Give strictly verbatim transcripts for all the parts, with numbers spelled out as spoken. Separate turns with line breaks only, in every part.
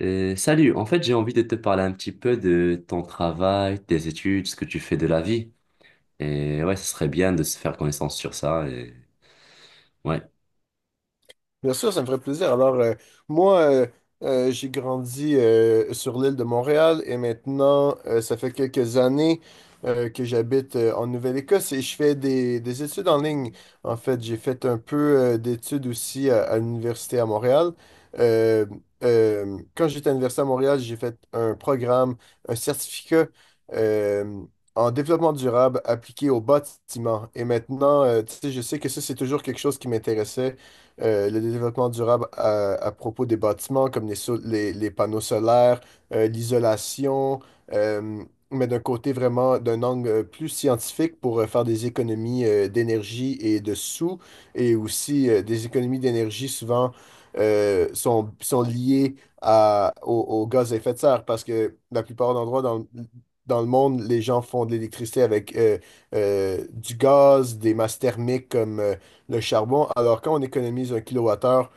Euh, salut, en fait, j'ai envie de te parler un petit peu de ton travail, tes études, ce que tu fais de la vie. Et ouais, ce serait bien de se faire connaissance sur ça. Et... Ouais.
Bien sûr, ça me ferait plaisir. Alors, euh, moi, euh, euh, j'ai grandi euh, sur l'île de Montréal et maintenant, euh, ça fait quelques années euh, que j'habite euh, en Nouvelle-Écosse et je fais des, des études en ligne. En fait, j'ai fait un peu euh, d'études aussi à, à l'université à Montréal. Euh, euh, quand j'étais à l'université à Montréal, j'ai fait un programme, un certificat euh, en développement durable appliqué au bâtiment. Et maintenant, euh, tu sais, je sais que ça, c'est toujours quelque chose qui m'intéressait, euh, le développement durable à, à propos des bâtiments, comme les, so- les, les panneaux solaires, euh, l'isolation, euh, mais d'un côté vraiment, d'un angle euh, plus scientifique pour euh, faire des économies euh, d'énergie et de sous, et aussi euh, des économies d'énergie souvent euh, sont, sont liées à, au, au gaz à effet de serre, parce que la plupart d'endroits dans, le- dans le monde, les gens font de l'électricité avec euh, euh, du gaz, des masses thermiques comme... euh, le charbon. Alors, quand on économise un kilowattheure,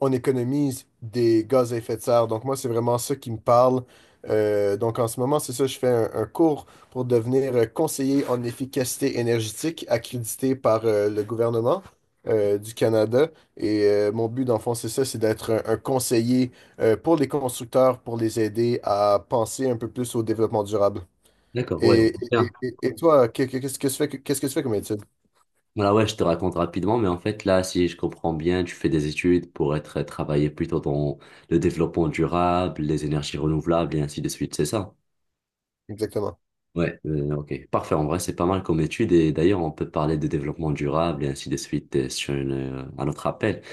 on économise des gaz à effet de serre. Donc, moi, c'est vraiment ça qui me parle. Euh, donc, en ce moment, c'est ça, je fais un, un cours pour devenir euh, conseiller en efficacité énergétique accrédité par euh, le gouvernement euh, du Canada. Et euh, mon but, dans le fond, c'est ça, c'est d'être un, un conseiller euh, pour les constructeurs, pour les aider à penser un peu plus au développement durable.
D'accord, ouais,
Et, et,
bien.
et- et toi, qu'est- qu'est-ce que tu fais, qu'est-ce que tu fais comme étude
Voilà, ouais, je te raconte rapidement, mais en fait, là, si je comprends bien, tu fais des études pour être travailler plutôt dans le développement durable, les énergies renouvelables et ainsi de suite, c'est ça?
exactement?
Ouais, euh, ok, parfait. En vrai, c'est pas mal comme étude et d'ailleurs, on peut parler de développement durable et ainsi de suite euh, sur une, euh, un autre appel.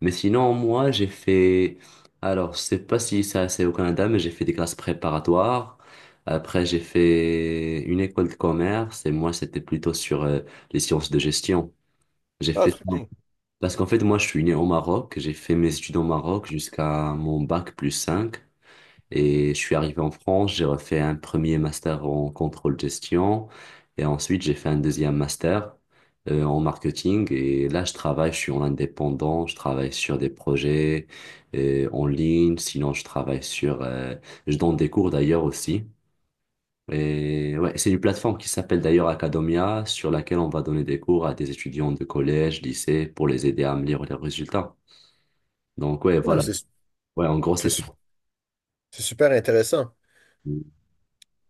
Mais sinon, moi, j'ai fait... Alors, je sais pas si ça, c'est au Canada, mais j'ai fait des classes préparatoires. Après, j'ai fait une école de commerce et moi, c'était plutôt sur euh, les sciences de gestion. J'ai
Ah,
fait...
très
ça
bien.
Parce qu'en fait, moi, je suis né au Maroc. J'ai fait mes études au Maroc jusqu'à mon bac plus cinq et je suis arrivé en France, j'ai refait un premier master en contrôle gestion et ensuite j'ai fait un deuxième master euh, en marketing. Et là, je travaille, je suis en indépendant, je travaille sur des projets euh, en ligne, sinon je travaille sur... euh, je donne des cours d'ailleurs aussi. Et ouais, c'est une plateforme qui s'appelle d'ailleurs Academia, sur laquelle on va donner des cours à des étudiants de collège, lycée, pour les aider à améliorer leurs résultats. Donc ouais,
Ah,
voilà.
c'est
Ouais, en gros,
C'est
c'est ça.
su- c'est super intéressant.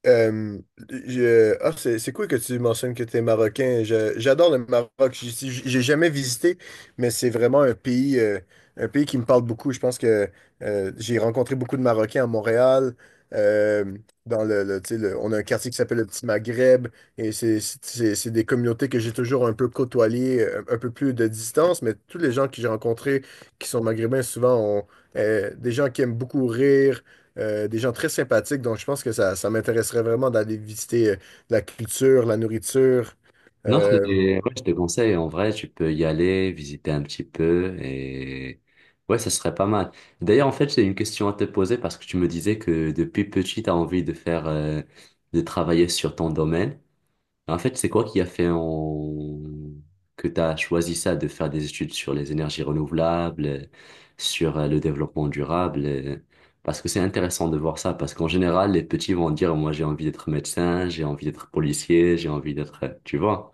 Euh, je- euh, ah, c'est c'est cool que tu mentionnes que tu es marocain. Je- J'adore le Maroc. J'y suis- J'ai jamais visité, mais c'est vraiment un pays, euh, un pays qui me parle beaucoup. Je pense que euh, j'ai rencontré beaucoup de Marocains à Montréal. euh, dans le, le- tu sais, le- on a un quartier qui s'appelle le Petit Maghreb et c'est c'est- c'est- c'est des communautés que j'ai toujours un peu côtoyées, euh, un, peu plus de distance, mais tous les gens que j'ai rencontrés qui sont maghrébins, souvent, ont euh, des gens qui aiment beaucoup rire, euh, des gens très sympathiques. Donc, je pense que ça, ça m'intéresserait vraiment d'aller visiter euh, la culture, la nourriture.
Non, c'est-
Euh,
ouais, je te conseille, en vrai, tu peux y aller, visiter un petit peu et ouais, ça serait pas mal. D'ailleurs, en fait, j'ai une question à te poser parce que tu me disais que depuis petit, tu as envie de faire, euh, de travailler sur ton domaine. En fait, c'est quoi qui a fait en... que tu as choisi ça, de faire des études sur les énergies renouvelables, euh, sur euh, le développement durable, euh, parce que c'est intéressant de voir ça, parce qu'en général, les petits vont dire, moi, j'ai envie d'être médecin, j'ai envie d'être policier, j'ai envie d'être, euh, tu vois.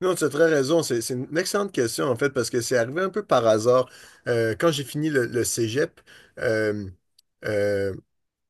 Non, tu as très raison. C'est c'est une excellente question, en fait, parce que c'est arrivé un peu par hasard. Euh, quand j'ai fini le, le cégep, euh, euh,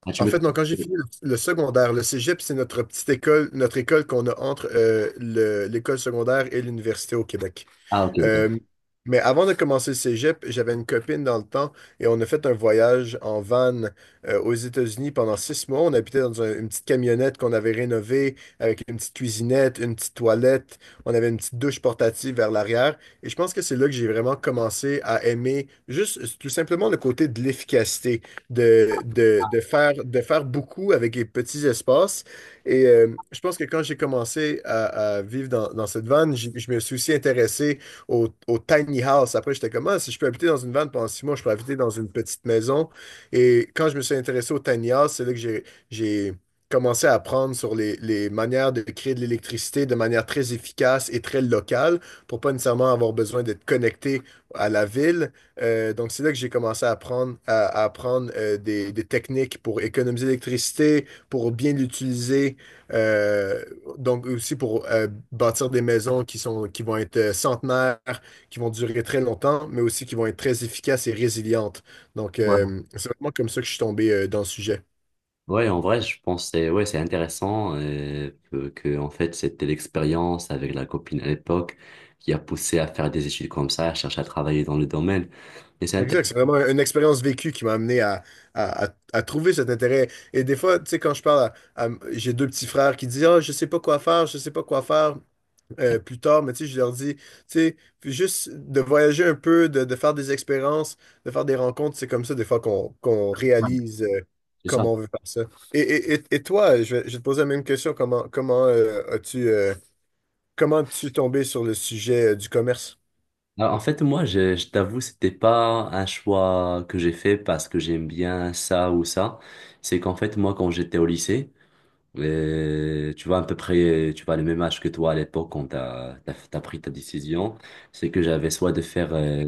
Ah, tu
en
me...
fait, non, quand j'ai fini le, le secondaire, le cégep, c'est notre petite école, notre école qu'on a entre euh, le- l'école secondaire et l'université au Québec.
Ah, ok. Ok.
Euh, mais avant de commencer le cégep, j'avais une copine dans le temps et on a fait un voyage en van euh, aux États-Unis pendant six mois. On habitait dans un- une petite camionnette qu'on avait rénovée avec une petite cuisinette, une petite toilette. On avait une petite douche portative vers l'arrière. Et je pense que c'est là que j'ai vraiment commencé à aimer juste tout simplement le côté de l'efficacité, de, de, de faire, de faire beaucoup avec les petits espaces. Et euh, je pense que quand j'ai commencé à, à vivre dans, dans cette van, je je me suis aussi intéressé au, au tiny house. Après, j'étais comme, ah, si je peux habiter dans une van pendant six mois, je peux habiter dans une petite maison. Et quand je me suis intéressé au tiny house, c'est là que j'ai, j'ai commencé à apprendre sur les, les manières de créer de l'électricité de manière très efficace et très locale pour pas nécessairement avoir besoin d'être connecté à la ville. Euh, donc, c'est là que j'ai commencé à apprendre, à, à apprendre euh, des, des techniques pour économiser l'électricité, pour bien l'utiliser, euh, donc aussi pour euh, bâtir des maisons qui sont, qui vont être euh, centenaires, qui vont durer très longtemps, mais aussi qui vont être très efficaces et résilientes. Donc
Ouais.
euh, c'est vraiment comme ça que je suis tombé euh, dans le sujet.
Ouais, en vrai, je pense que c'est ouais, c'est intéressant euh, que, que, en fait, c'était l'expérience avec la copine à l'époque qui a poussé à faire des études comme ça, à chercher à travailler dans le domaine. Et c'est
Exact,
intéressant.
c'est vraiment une expérience vécue qui m'a amené à, à- à- à trouver cet intérêt. Et des fois, tu sais, quand je parle à, à- j'ai deux petits frères qui disent, ah, je sais pas quoi faire, je sais pas quoi faire euh, plus tard, mais tu sais, je leur dis, tu sais, puis juste de voyager un peu, de, de faire des expériences, de faire des rencontres, c'est comme ça des fois qu'on qu'on réalise euh,
C'est ça.
comment on veut faire ça. Et, et, et, et toi, je vais, je vais te poser la même question, comment, comment euh, as-tu euh, comment es-tu tombé sur le sujet euh, du commerce?
Alors, en fait, moi, je, je t'avoue, c'était pas un choix que j'ai fait parce que j'aime bien ça ou ça. C'est qu'en fait, moi, quand j'étais au lycée, et tu vois, à peu près, tu vois, le même âge que toi à l'époque quand t'as, t'as, t'as pris ta décision, c'est que j'avais soit de faire, euh,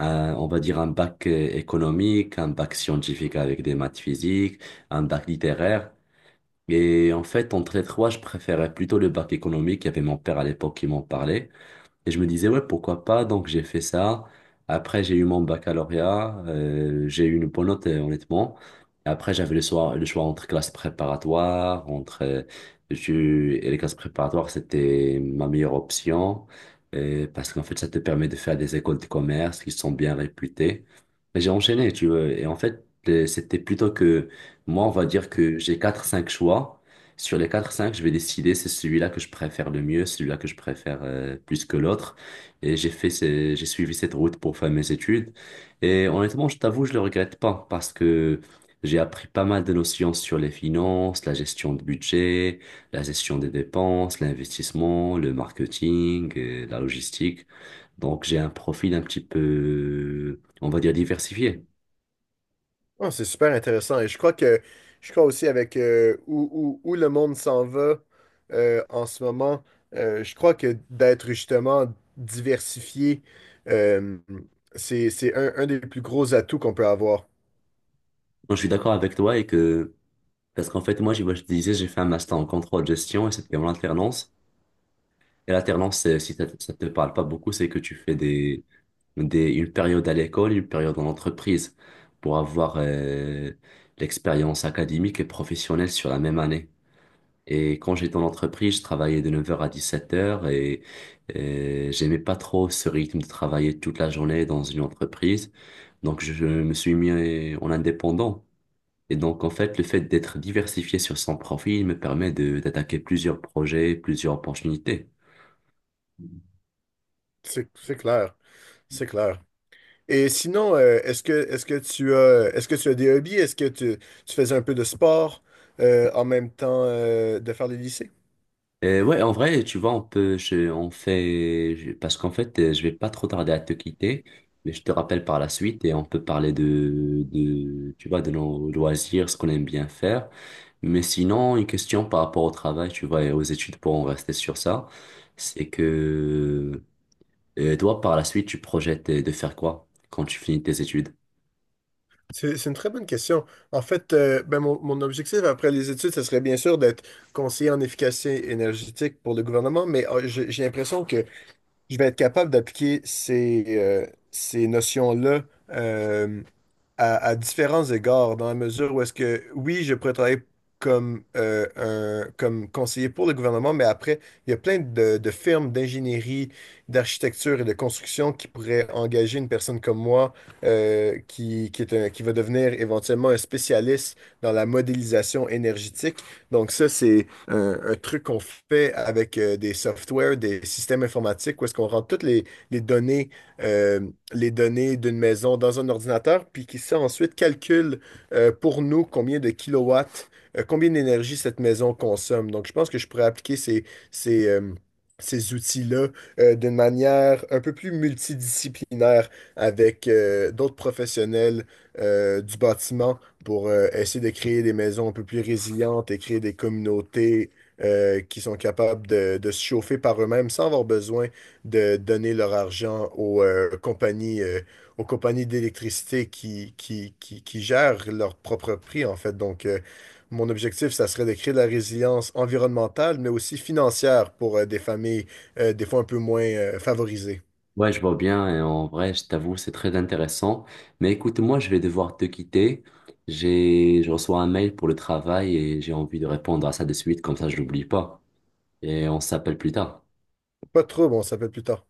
un- on va dire, un bac euh, économique, un bac scientifique avec des maths physiques, un bac littéraire. Et en fait, entre les trois, je préférais plutôt le bac économique. Il y avait mon père à l'époque qui m'en parlait. Et je me disais, ouais, pourquoi pas? Donc, j'ai fait ça. Après, j'ai eu mon baccalauréat. Euh, j'ai eu une bonne note, euh, honnêtement. Après, j'avais le choix, le choix entre classes préparatoires, entre, euh, je- et les classes préparatoires, c'était ma meilleure option. Euh, parce qu'en fait, ça te permet de faire des écoles de commerce qui sont bien réputées. Et j'ai enchaîné, tu vois. Et en fait, euh, c'était plutôt que, moi, on va dire que j'ai quatre, cinq choix. Sur les quatre cinq, je vais décider c'est celui-là que je préfère le mieux, celui-là que je préfère euh, plus que l'autre. Et j'ai fait ce- j'ai suivi cette route pour faire mes études. Et honnêtement, je t'avoue, je le regrette pas parce que j'ai appris pas mal de notions sur les finances, la gestion de budget, la gestion des dépenses, l'investissement, le marketing, euh, la logistique. Donc j'ai un profil un petit peu, on va dire, diversifié.
Ah, c'est super intéressant. Et je crois que je crois aussi avec euh, où, où, où le monde s'en va euh, en ce moment, euh, je crois que d'être justement diversifié, euh, c'est, c'est un, un des plus gros atouts qu'on peut avoir.
Donc, je suis d'accord avec toi et que. Parce qu'en fait, moi, j'ai- moi, je te disais, j'ai fait un master en contrôle de gestion et c'était en alternance. Et l'alternance, c'est- si ça ça te parle pas beaucoup, c'est que tu fais des, des, une période à l'école, une période en entreprise pour avoir euh, l'expérience académique et professionnelle sur la même année. Et quand j'étais en entreprise, je travaillais de neuf heures à dix-sept heures et, et euh, j'aimais pas trop ce rythme de travailler toute la journée dans une entreprise. Donc, je me suis mis en indépendant. Et donc, en fait, le fait d'être diversifié sur son profil me permet de d'attaquer plusieurs projets, plusieurs opportunités.
C'est c'est clair. C'est clair. Et sinon, euh, est-ce que est-ce que tu as est-ce que tu as des hobbies? Est-ce que tu, tu faisais un peu de sport euh, en même temps euh, de faire les lycées?
Et ouais, en vrai, tu vois, on peut, je, on fait, je- parce qu'en fait, euh, je vais pas trop tarder à te quitter, mais je te rappelle par la suite et on peut parler de, de, tu vois, de nos loisirs, ce qu'on aime bien faire. Mais sinon, une question par rapport au travail, tu vois, et aux études pour en rester sur ça, c'est que, euh, toi, par la suite, tu projettes de faire quoi quand tu finis tes études?
C'est c'est une très bonne question. En fait, euh, ben, mon, mon objectif après les études, ce serait bien sûr d'être conseiller en efficacité énergétique pour le gouvernement, mais euh, j'ai j'ai l'impression que je vais être capable d'appliquer ces, euh, ces notions-là euh, à, à différents égards, dans la mesure où est-ce que, oui, je pourrais travailler comme, euh, un, comme conseiller pour le gouvernement, mais après, il y a plein de, de firmes d'ingénierie, d'architecture et de construction qui pourraient engager une personne comme moi euh, qui, qui est un- qui va devenir éventuellement un spécialiste dans la modélisation énergétique. Donc ça, c'est, un, un truc qu'on fait avec euh, des softwares, des systèmes informatiques, où est-ce qu'on rentre toutes les, les données, euh, les données d'une maison dans un ordinateur, puis qui ça ensuite calcule euh, pour nous combien de kilowatts, euh, combien d'énergie cette maison consomme. Donc, je pense que je pourrais appliquer ces, ces, euh, ces outils-là euh, d'une manière un peu plus multidisciplinaire avec euh, d'autres professionnels euh, du bâtiment pour euh, essayer de créer des maisons un peu plus résilientes et créer des communautés euh, qui sont capables de, de se chauffer par eux-mêmes sans avoir besoin de donner leur argent aux euh, compagnies, euh, aux compagnies d'électricité qui, qui, qui, qui gèrent leur propre prix, en fait. Donc, euh, mon objectif, ça serait de créer de la résilience environnementale, mais aussi financière pour euh, des familles euh, des fois un peu moins euh, favorisées.
Ouais, je vois bien, et en vrai, je t'avoue, c'est très intéressant. Mais écoute, moi, je vais devoir te quitter. J'ai, je reçois un mail pour le travail et j'ai envie de répondre à ça de suite, comme ça, je l'oublie pas. Et on s'appelle plus tard.
Pas trop, bon, ça peut être plus tard.